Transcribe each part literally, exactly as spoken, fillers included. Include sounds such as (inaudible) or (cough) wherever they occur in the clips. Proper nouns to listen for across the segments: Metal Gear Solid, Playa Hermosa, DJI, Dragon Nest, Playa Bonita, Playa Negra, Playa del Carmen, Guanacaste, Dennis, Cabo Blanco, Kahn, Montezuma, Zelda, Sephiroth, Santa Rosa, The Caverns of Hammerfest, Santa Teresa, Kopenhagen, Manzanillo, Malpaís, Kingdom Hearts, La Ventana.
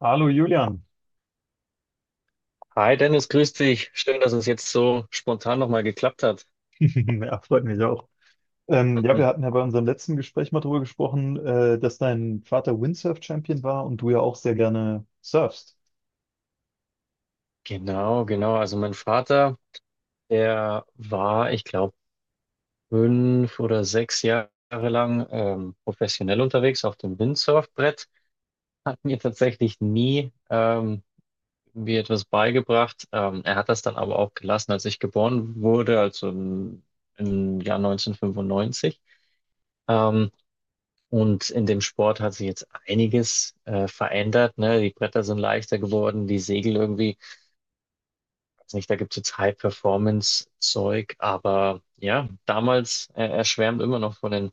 Hallo Julian, Hi Dennis, grüß dich. Schön, dass es jetzt so spontan nochmal geklappt hat. (laughs) ja, freut mich auch. Ähm, ja, Hm. wir hatten ja bei unserem letzten Gespräch mal darüber gesprochen, äh, dass dein Vater Windsurf-Champion war und du ja auch sehr gerne surfst. Genau, genau. Also mein Vater, der war, ich glaube, fünf oder sechs Jahre lang ähm, professionell unterwegs auf dem Windsurfbrett, hat mir tatsächlich nie ähm, mir etwas beigebracht. Ähm, er hat das dann aber auch gelassen, als ich geboren wurde, also im, im Jahr neunzehnhundertfünfundneunzig. Ähm, Und in dem Sport hat sich jetzt einiges äh, verändert. Ne? Die Bretter sind leichter geworden, die Segel irgendwie, weiß nicht, da gibt es jetzt High-Performance-Zeug, aber ja, damals, äh, er schwärmt immer noch von den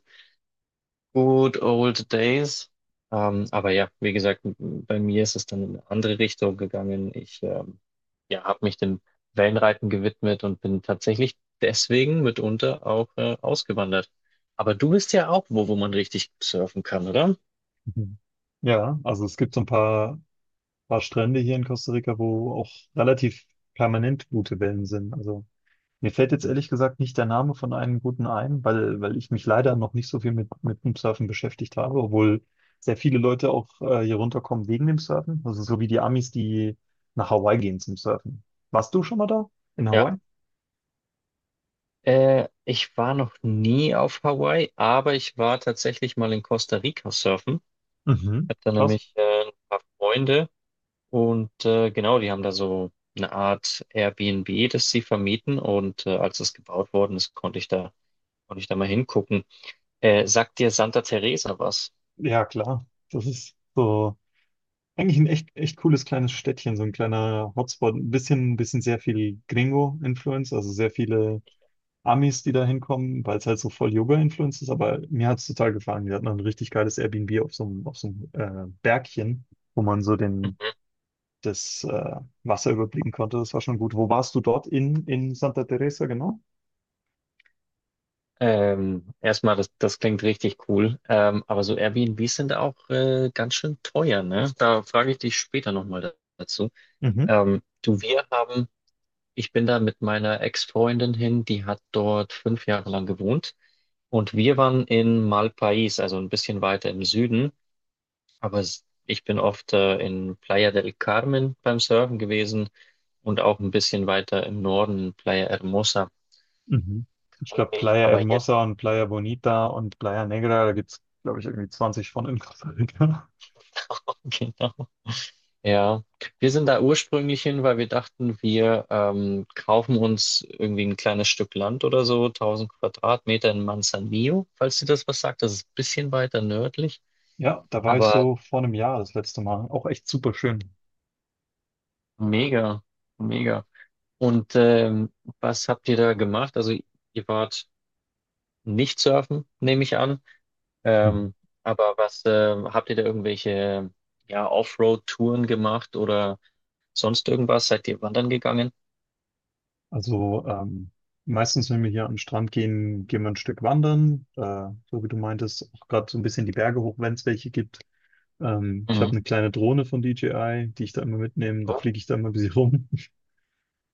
good old days. Ähm, aber ja, wie gesagt, m- bei mir ist es dann in eine andere Richtung gegangen. Ich ähm, ja, habe mich dem Wellenreiten gewidmet und bin tatsächlich deswegen mitunter auch äh, ausgewandert. Aber du bist ja auch wo, wo man richtig surfen kann, oder? Mhm. Ja, also es gibt so ein paar, paar Strände hier in Costa Rica, wo auch relativ permanent gute Wellen sind. Also mir fällt jetzt ehrlich gesagt nicht der Name von einem guten ein, weil, weil ich mich leider noch nicht so viel mit, mit dem Surfen beschäftigt habe, obwohl sehr viele Leute auch äh, hier runterkommen wegen dem Surfen. Also so wie die Amis, die nach Hawaii gehen zum Surfen. Warst du schon mal da? In Ja. Hawaii? Äh, ich war noch nie auf Hawaii, aber ich war tatsächlich mal in Costa Rica surfen. Mhm. Ich hab da Krass. nämlich äh, ein paar Freunde und äh, genau, die haben da so eine Art Airbnb, das sie vermieten und äh, als es gebaut worden ist, konnte ich da, konnte ich da mal hingucken. Äh, sagt dir Santa Teresa was? Ja, klar. Das ist so eigentlich ein echt, echt cooles kleines Städtchen, so ein kleiner Hotspot. Ein bisschen, ein bisschen sehr viel Gringo-Influence, also sehr viele Amis, die da hinkommen, weil es halt so voll Yoga-Influenced ist, aber mir hat es total gefallen. Wir hatten ein richtig geiles Airbnb auf so einem, auf so einem äh, Bergchen, wo man so den, das äh, Wasser überblicken konnte. Das war schon gut. Wo warst du dort in, in Santa Teresa, genau? Ähm, erstmal, das, das klingt richtig cool, ähm, aber so Airbnbs sind auch äh, ganz schön teuer, ne? Da frage ich dich später nochmal dazu. Mhm. Ähm, du, wir haben Ich bin da mit meiner Ex-Freundin hin, die hat dort fünf Jahre lang gewohnt und wir waren in Malpaís, also ein bisschen weiter im Süden, aber s- ich bin oft äh, in Playa del Carmen beim Surfen gewesen und auch ein bisschen weiter im Norden, Playa Hermosa. Mhm. Ich Kann glaube, mich Playa aber jetzt, Hermosa und Playa Bonita und Playa Negra, da gibt's glaube ich, irgendwie zwanzig von in Costa Rica. (laughs) (laughs) genau. Ja, wir sind da ursprünglich hin, weil wir dachten, wir ähm, kaufen uns irgendwie ein kleines Stück Land oder so, tausend Quadratmeter in Manzanillo, falls dir das was sagt. Das ist ein bisschen weiter nördlich. Ja, da war ich Aber so vor einem Jahr das letzte Mal. Auch echt super schön. mega, mega. Und ähm, was habt ihr da gemacht? Also ihr wart nicht surfen, nehme ich an. Ähm, aber was ähm, habt ihr da irgendwelche ja, Offroad-Touren gemacht oder sonst irgendwas? Seid ihr wandern gegangen? Also ähm, meistens, wenn wir hier an den Strand gehen, gehen wir ein Stück wandern. Äh, so wie du meintest, auch gerade so ein bisschen die Berge hoch, wenn es welche gibt. Ähm, ich Mhm. habe eine kleine Drohne von D J I, die ich da immer mitnehme. Da fliege ich da immer ein bisschen rum. (laughs)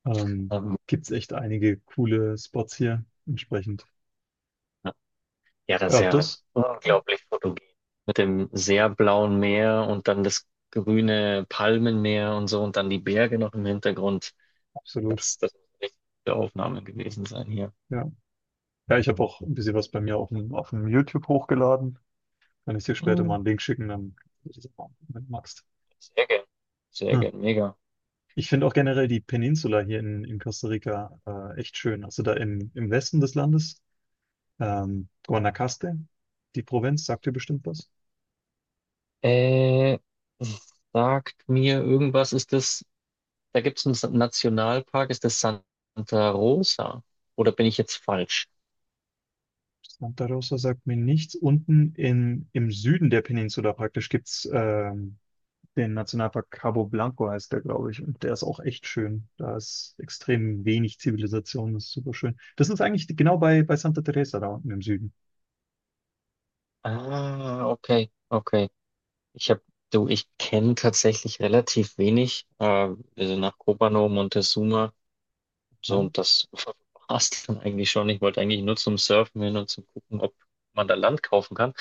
Ähm, Ähm, Gibt es echt einige coole Spots hier entsprechend. ja, das ist Ja, ja das unglaublich fotogen. Mit dem sehr blauen Meer und dann das grüne Palmenmeer und so und dann die Berge noch im Hintergrund. absolut. Das, das muss eine richtige Aufnahme gewesen sein hier. Ja, ja ich habe auch ein bisschen was bei mir auf dem, auf dem YouTube hochgeladen. Kann ich dir später mal einen Link schicken, dann kannst du das auch, wenn du magst. Sehr gern. Sehr gern, (laughs) mega. Ich finde auch generell die Peninsula hier in, in Costa Rica äh, echt schön. Also da im, im Westen des Landes, ähm, Guanacaste, die Provinz, sagt dir bestimmt was. Äh, sagt mir irgendwas, ist das, da gibt es einen Nationalpark, ist das Santa Rosa? Oder bin ich jetzt falsch? Santa Rosa sagt mir nichts. Unten in, im Süden der Peninsula praktisch gibt's ähm, den Nationalpark Cabo Blanco, heißt der, glaube ich. Und der ist auch echt schön. Da ist extrem wenig Zivilisation, das ist super schön. Das ist eigentlich genau bei, bei Santa Teresa da unten im Süden. Ah, okay, okay. Ich habe, du, ich kenne tatsächlich relativ wenig. Äh, also nach Copa no Montezuma. Ja? So, und das war's dann eigentlich schon. Ich wollte eigentlich nur zum Surfen hin und zum Gucken, ob man da Land kaufen kann.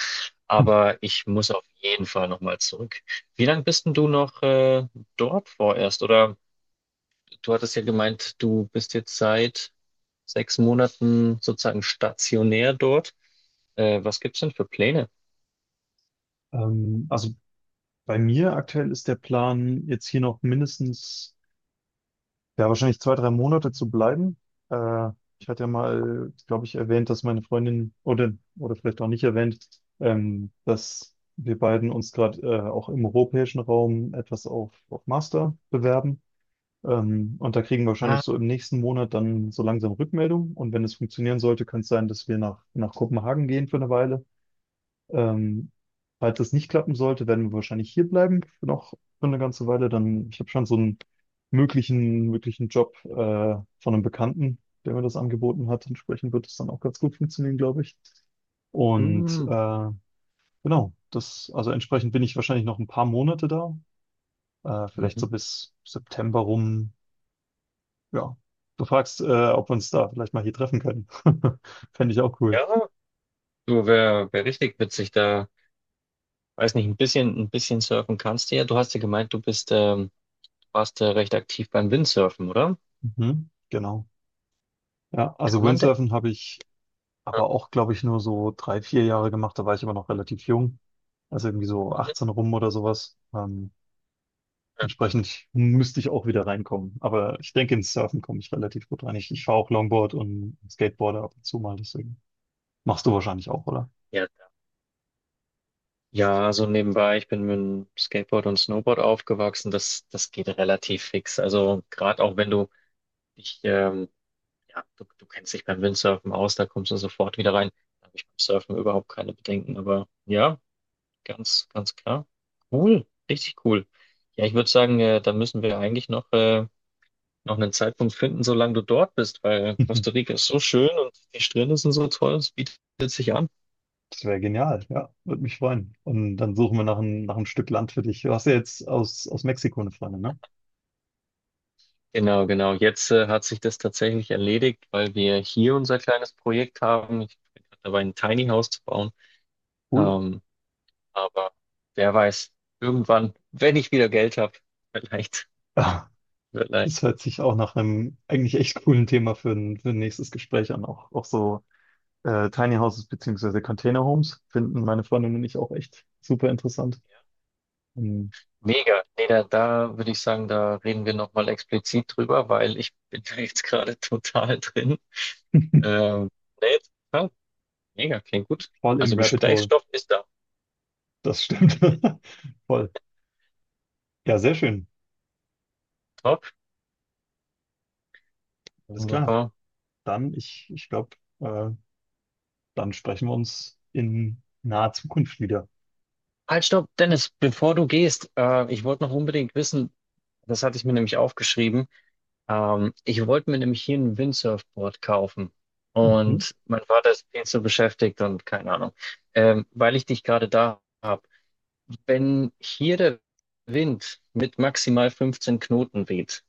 (laughs) Aber ich muss auf jeden Fall nochmal zurück. Wie lange bist denn du noch äh, dort vorerst? Oder du hattest ja gemeint, du bist jetzt seit sechs Monaten sozusagen stationär dort. Äh, was gibt's denn für Pläne? Ähm, also bei mir aktuell ist der Plan, jetzt hier noch mindestens, ja, wahrscheinlich zwei, drei Monate zu bleiben. Äh, Ich hatte ja mal, glaube ich, erwähnt, dass meine Freundin oder, oder vielleicht auch nicht erwähnt, ähm, dass wir beiden uns gerade äh, auch im europäischen Raum etwas auf, auf Master bewerben. Ähm, und da kriegen wir wahrscheinlich Ah, so im nächsten Monat dann so langsam Rückmeldung. Und wenn es funktionieren sollte, kann es sein, dass wir nach, nach Kopenhagen gehen für eine Weile. ähm, Falls das nicht klappen sollte, werden wir wahrscheinlich hier bleiben für noch für eine ganze Weile. Dann, ich habe schon so einen möglichen, möglichen Job äh, von einem Bekannten, der mir das angeboten hat. Entsprechend wird es dann auch ganz gut funktionieren, glaube ich. Und hm. äh, genau, das, also entsprechend bin ich wahrscheinlich noch ein paar Monate da, äh, vielleicht Mhm. so bis September rum. Ja, du fragst, äh, ob wir uns da vielleicht mal hier treffen können. (laughs) Fände ich auch cool. Ja, du wär, wär richtig witzig da. Weiß nicht, ein bisschen, ein bisschen surfen kannst du ja. Du hast ja gemeint, du bist ähm, warst du recht aktiv beim Windsurfen, oder? Mhm, genau. Ja, Kann also man denn? Windsurfen habe ich Ja, aber auch, glaube ich, nur so drei, vier Jahre gemacht. Da war ich aber noch relativ jung. Also irgendwie so mhm. achtzehn rum oder sowas. Ähm, entsprechend müsste ich auch wieder reinkommen. Aber ich denke, ins Surfen komme ich relativ gut rein. Ich, ich fahre auch Longboard und Skateboarder ab und zu mal, deswegen. Machst du wahrscheinlich auch, oder? Ja, klar. Ja, also nebenbei, ich bin mit dem Skateboard und Snowboard aufgewachsen. Das, das geht relativ fix. Also gerade auch wenn du dich, ähm, ja, du, du kennst dich beim Windsurfen aus, da kommst du sofort wieder rein. Da habe ich beim Surfen überhaupt keine Bedenken. Aber ja, ganz, ganz klar. Cool, richtig cool. Ja, ich würde sagen, äh, da müssen wir eigentlich noch äh, noch einen Zeitpunkt finden, solange du dort bist, weil Costa (laughs) Rica ist so schön und die Strände sind so toll, es bietet sich an. Das wäre genial, ja. Würde mich freuen. Und dann suchen wir nach ein, nach einem Stück Land für dich. Du hast ja jetzt aus, aus Mexiko eine Freundin, ne? Genau, genau. Jetzt äh, hat sich das tatsächlich erledigt, weil wir hier unser kleines Projekt haben. Ich bin gerade dabei, ein Tiny House zu bauen. Cool. (laughs) Ähm, aber wer weiß, irgendwann, wenn ich wieder Geld habe, vielleicht, Ah, vielleicht. das hört sich auch nach einem eigentlich echt coolen Thema für ein, für ein nächstes Gespräch an. Auch, auch so, Äh, Tiny Houses beziehungsweise Container Homes finden meine Freundin und ich auch echt super interessant. Ja. Ähm, Mega. Nee, da, da würde ich sagen, da reden wir nochmal explizit drüber, weil ich bin da jetzt gerade (laughs) total drin. (laughs) Ähm, nee, total Mega, klingt gut. voll Also im Rabbit Hole. Gesprächsstoff ist da. Das stimmt. (laughs) Voll. Ja, sehr schön. Top. Alles klar. Wunderbar. Dann, ich, ich glaube, äh, dann sprechen wir uns in naher Zukunft wieder. Halt, stopp, Dennis, bevor du gehst, äh, ich wollte noch unbedingt wissen, das hatte ich mir nämlich aufgeschrieben, ähm, ich wollte mir nämlich hier ein Windsurfboard kaufen. Mhm. Und mein Vater ist viel zu beschäftigt und keine Ahnung. Ähm, weil ich dich gerade da habe. Wenn hier der Wind mit maximal fünfzehn Knoten weht,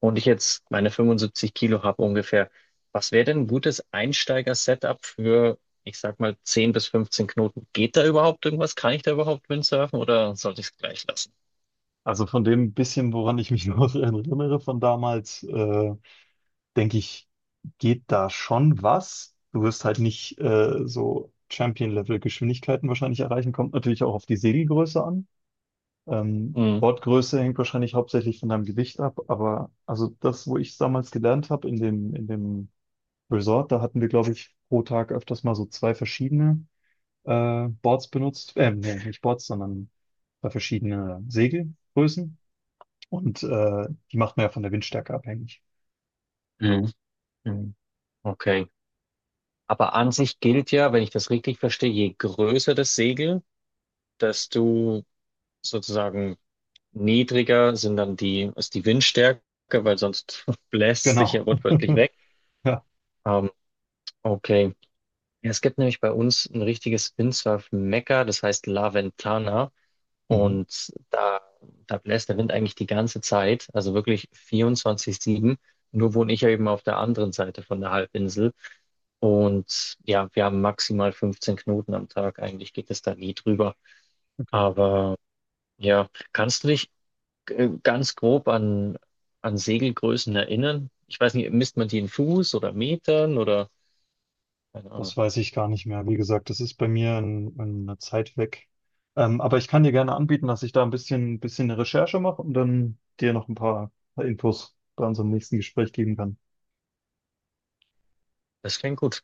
und ich jetzt meine fünfundsiebzig Kilo habe ungefähr, was wäre denn ein gutes Einsteiger-Setup für, ich sag mal, zehn bis fünfzehn Knoten? Geht da überhaupt irgendwas? Kann ich da überhaupt Windsurfen oder sollte ich es gleich lassen? Also von dem bisschen, woran ich mich (laughs) noch erinnere von damals, äh, denke ich, geht da schon was. Du wirst halt nicht äh, so Champion-Level-Geschwindigkeiten wahrscheinlich erreichen. Kommt natürlich auch auf die Segelgröße an. Ähm, Mhm. Wortgröße hängt wahrscheinlich hauptsächlich von deinem Gewicht ab, aber also das, wo ich es damals gelernt habe in dem, in dem Resort, da hatten wir, glaube ich, pro Tag öfters mal so zwei verschiedene äh, Boards benutzt. Ähm, nee, nicht Boards, sondern zwei verschiedene Segelgrößen. Und äh, die macht man ja von der Windstärke abhängig. Mhm. Mhm. Okay. Aber an sich gilt ja, wenn ich das richtig verstehe, je größer das Segel, desto sozusagen niedriger sind dann die, ist die Windstärke, weil sonst (laughs) bläst sich ja Genau. wortwörtlich (laughs) weg. Ja. Ähm, okay. Ja, es gibt nämlich bei uns ein richtiges Windsurf-Mekka, das heißt La Ventana. Mhm. Und da, da bläst der Wind eigentlich die ganze Zeit, also wirklich vierundzwanzig sieben. Nur wohne ich ja eben auf der anderen Seite von der Halbinsel. Und ja, wir haben maximal fünfzehn Knoten am Tag. Eigentlich geht es da nie drüber. Okay. Aber ja, kannst du dich äh, ganz grob an, an Segelgrößen erinnern? Ich weiß nicht, misst man die in Fuß oder Metern oder keine Ahnung. Das weiß ich gar nicht mehr. Wie gesagt, das ist bei mir in, in einer Zeit weg. Ähm, aber ich kann dir gerne anbieten, dass ich da ein bisschen, bisschen eine Recherche mache und dann dir noch ein paar Infos bei unserem nächsten Gespräch geben kann. Das klingt gut.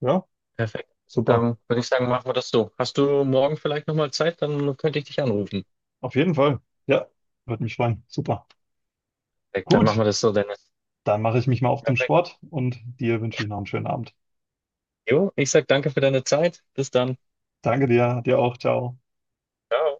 Ja, Perfekt. super. Dann würde ich sagen, machen wir das so. Hast du morgen vielleicht nochmal Zeit? Dann könnte ich dich anrufen. Auf jeden Fall. Ja, würde mich freuen. Super. Perfekt, dann machen wir Gut, das so, Dennis. dann mache ich mich mal auf zum Perfekt. Sport und dir wünsche ich noch einen schönen Abend. Jo, ich sag danke für deine Zeit. Bis dann. Danke dir, dir auch. Ciao. Ciao.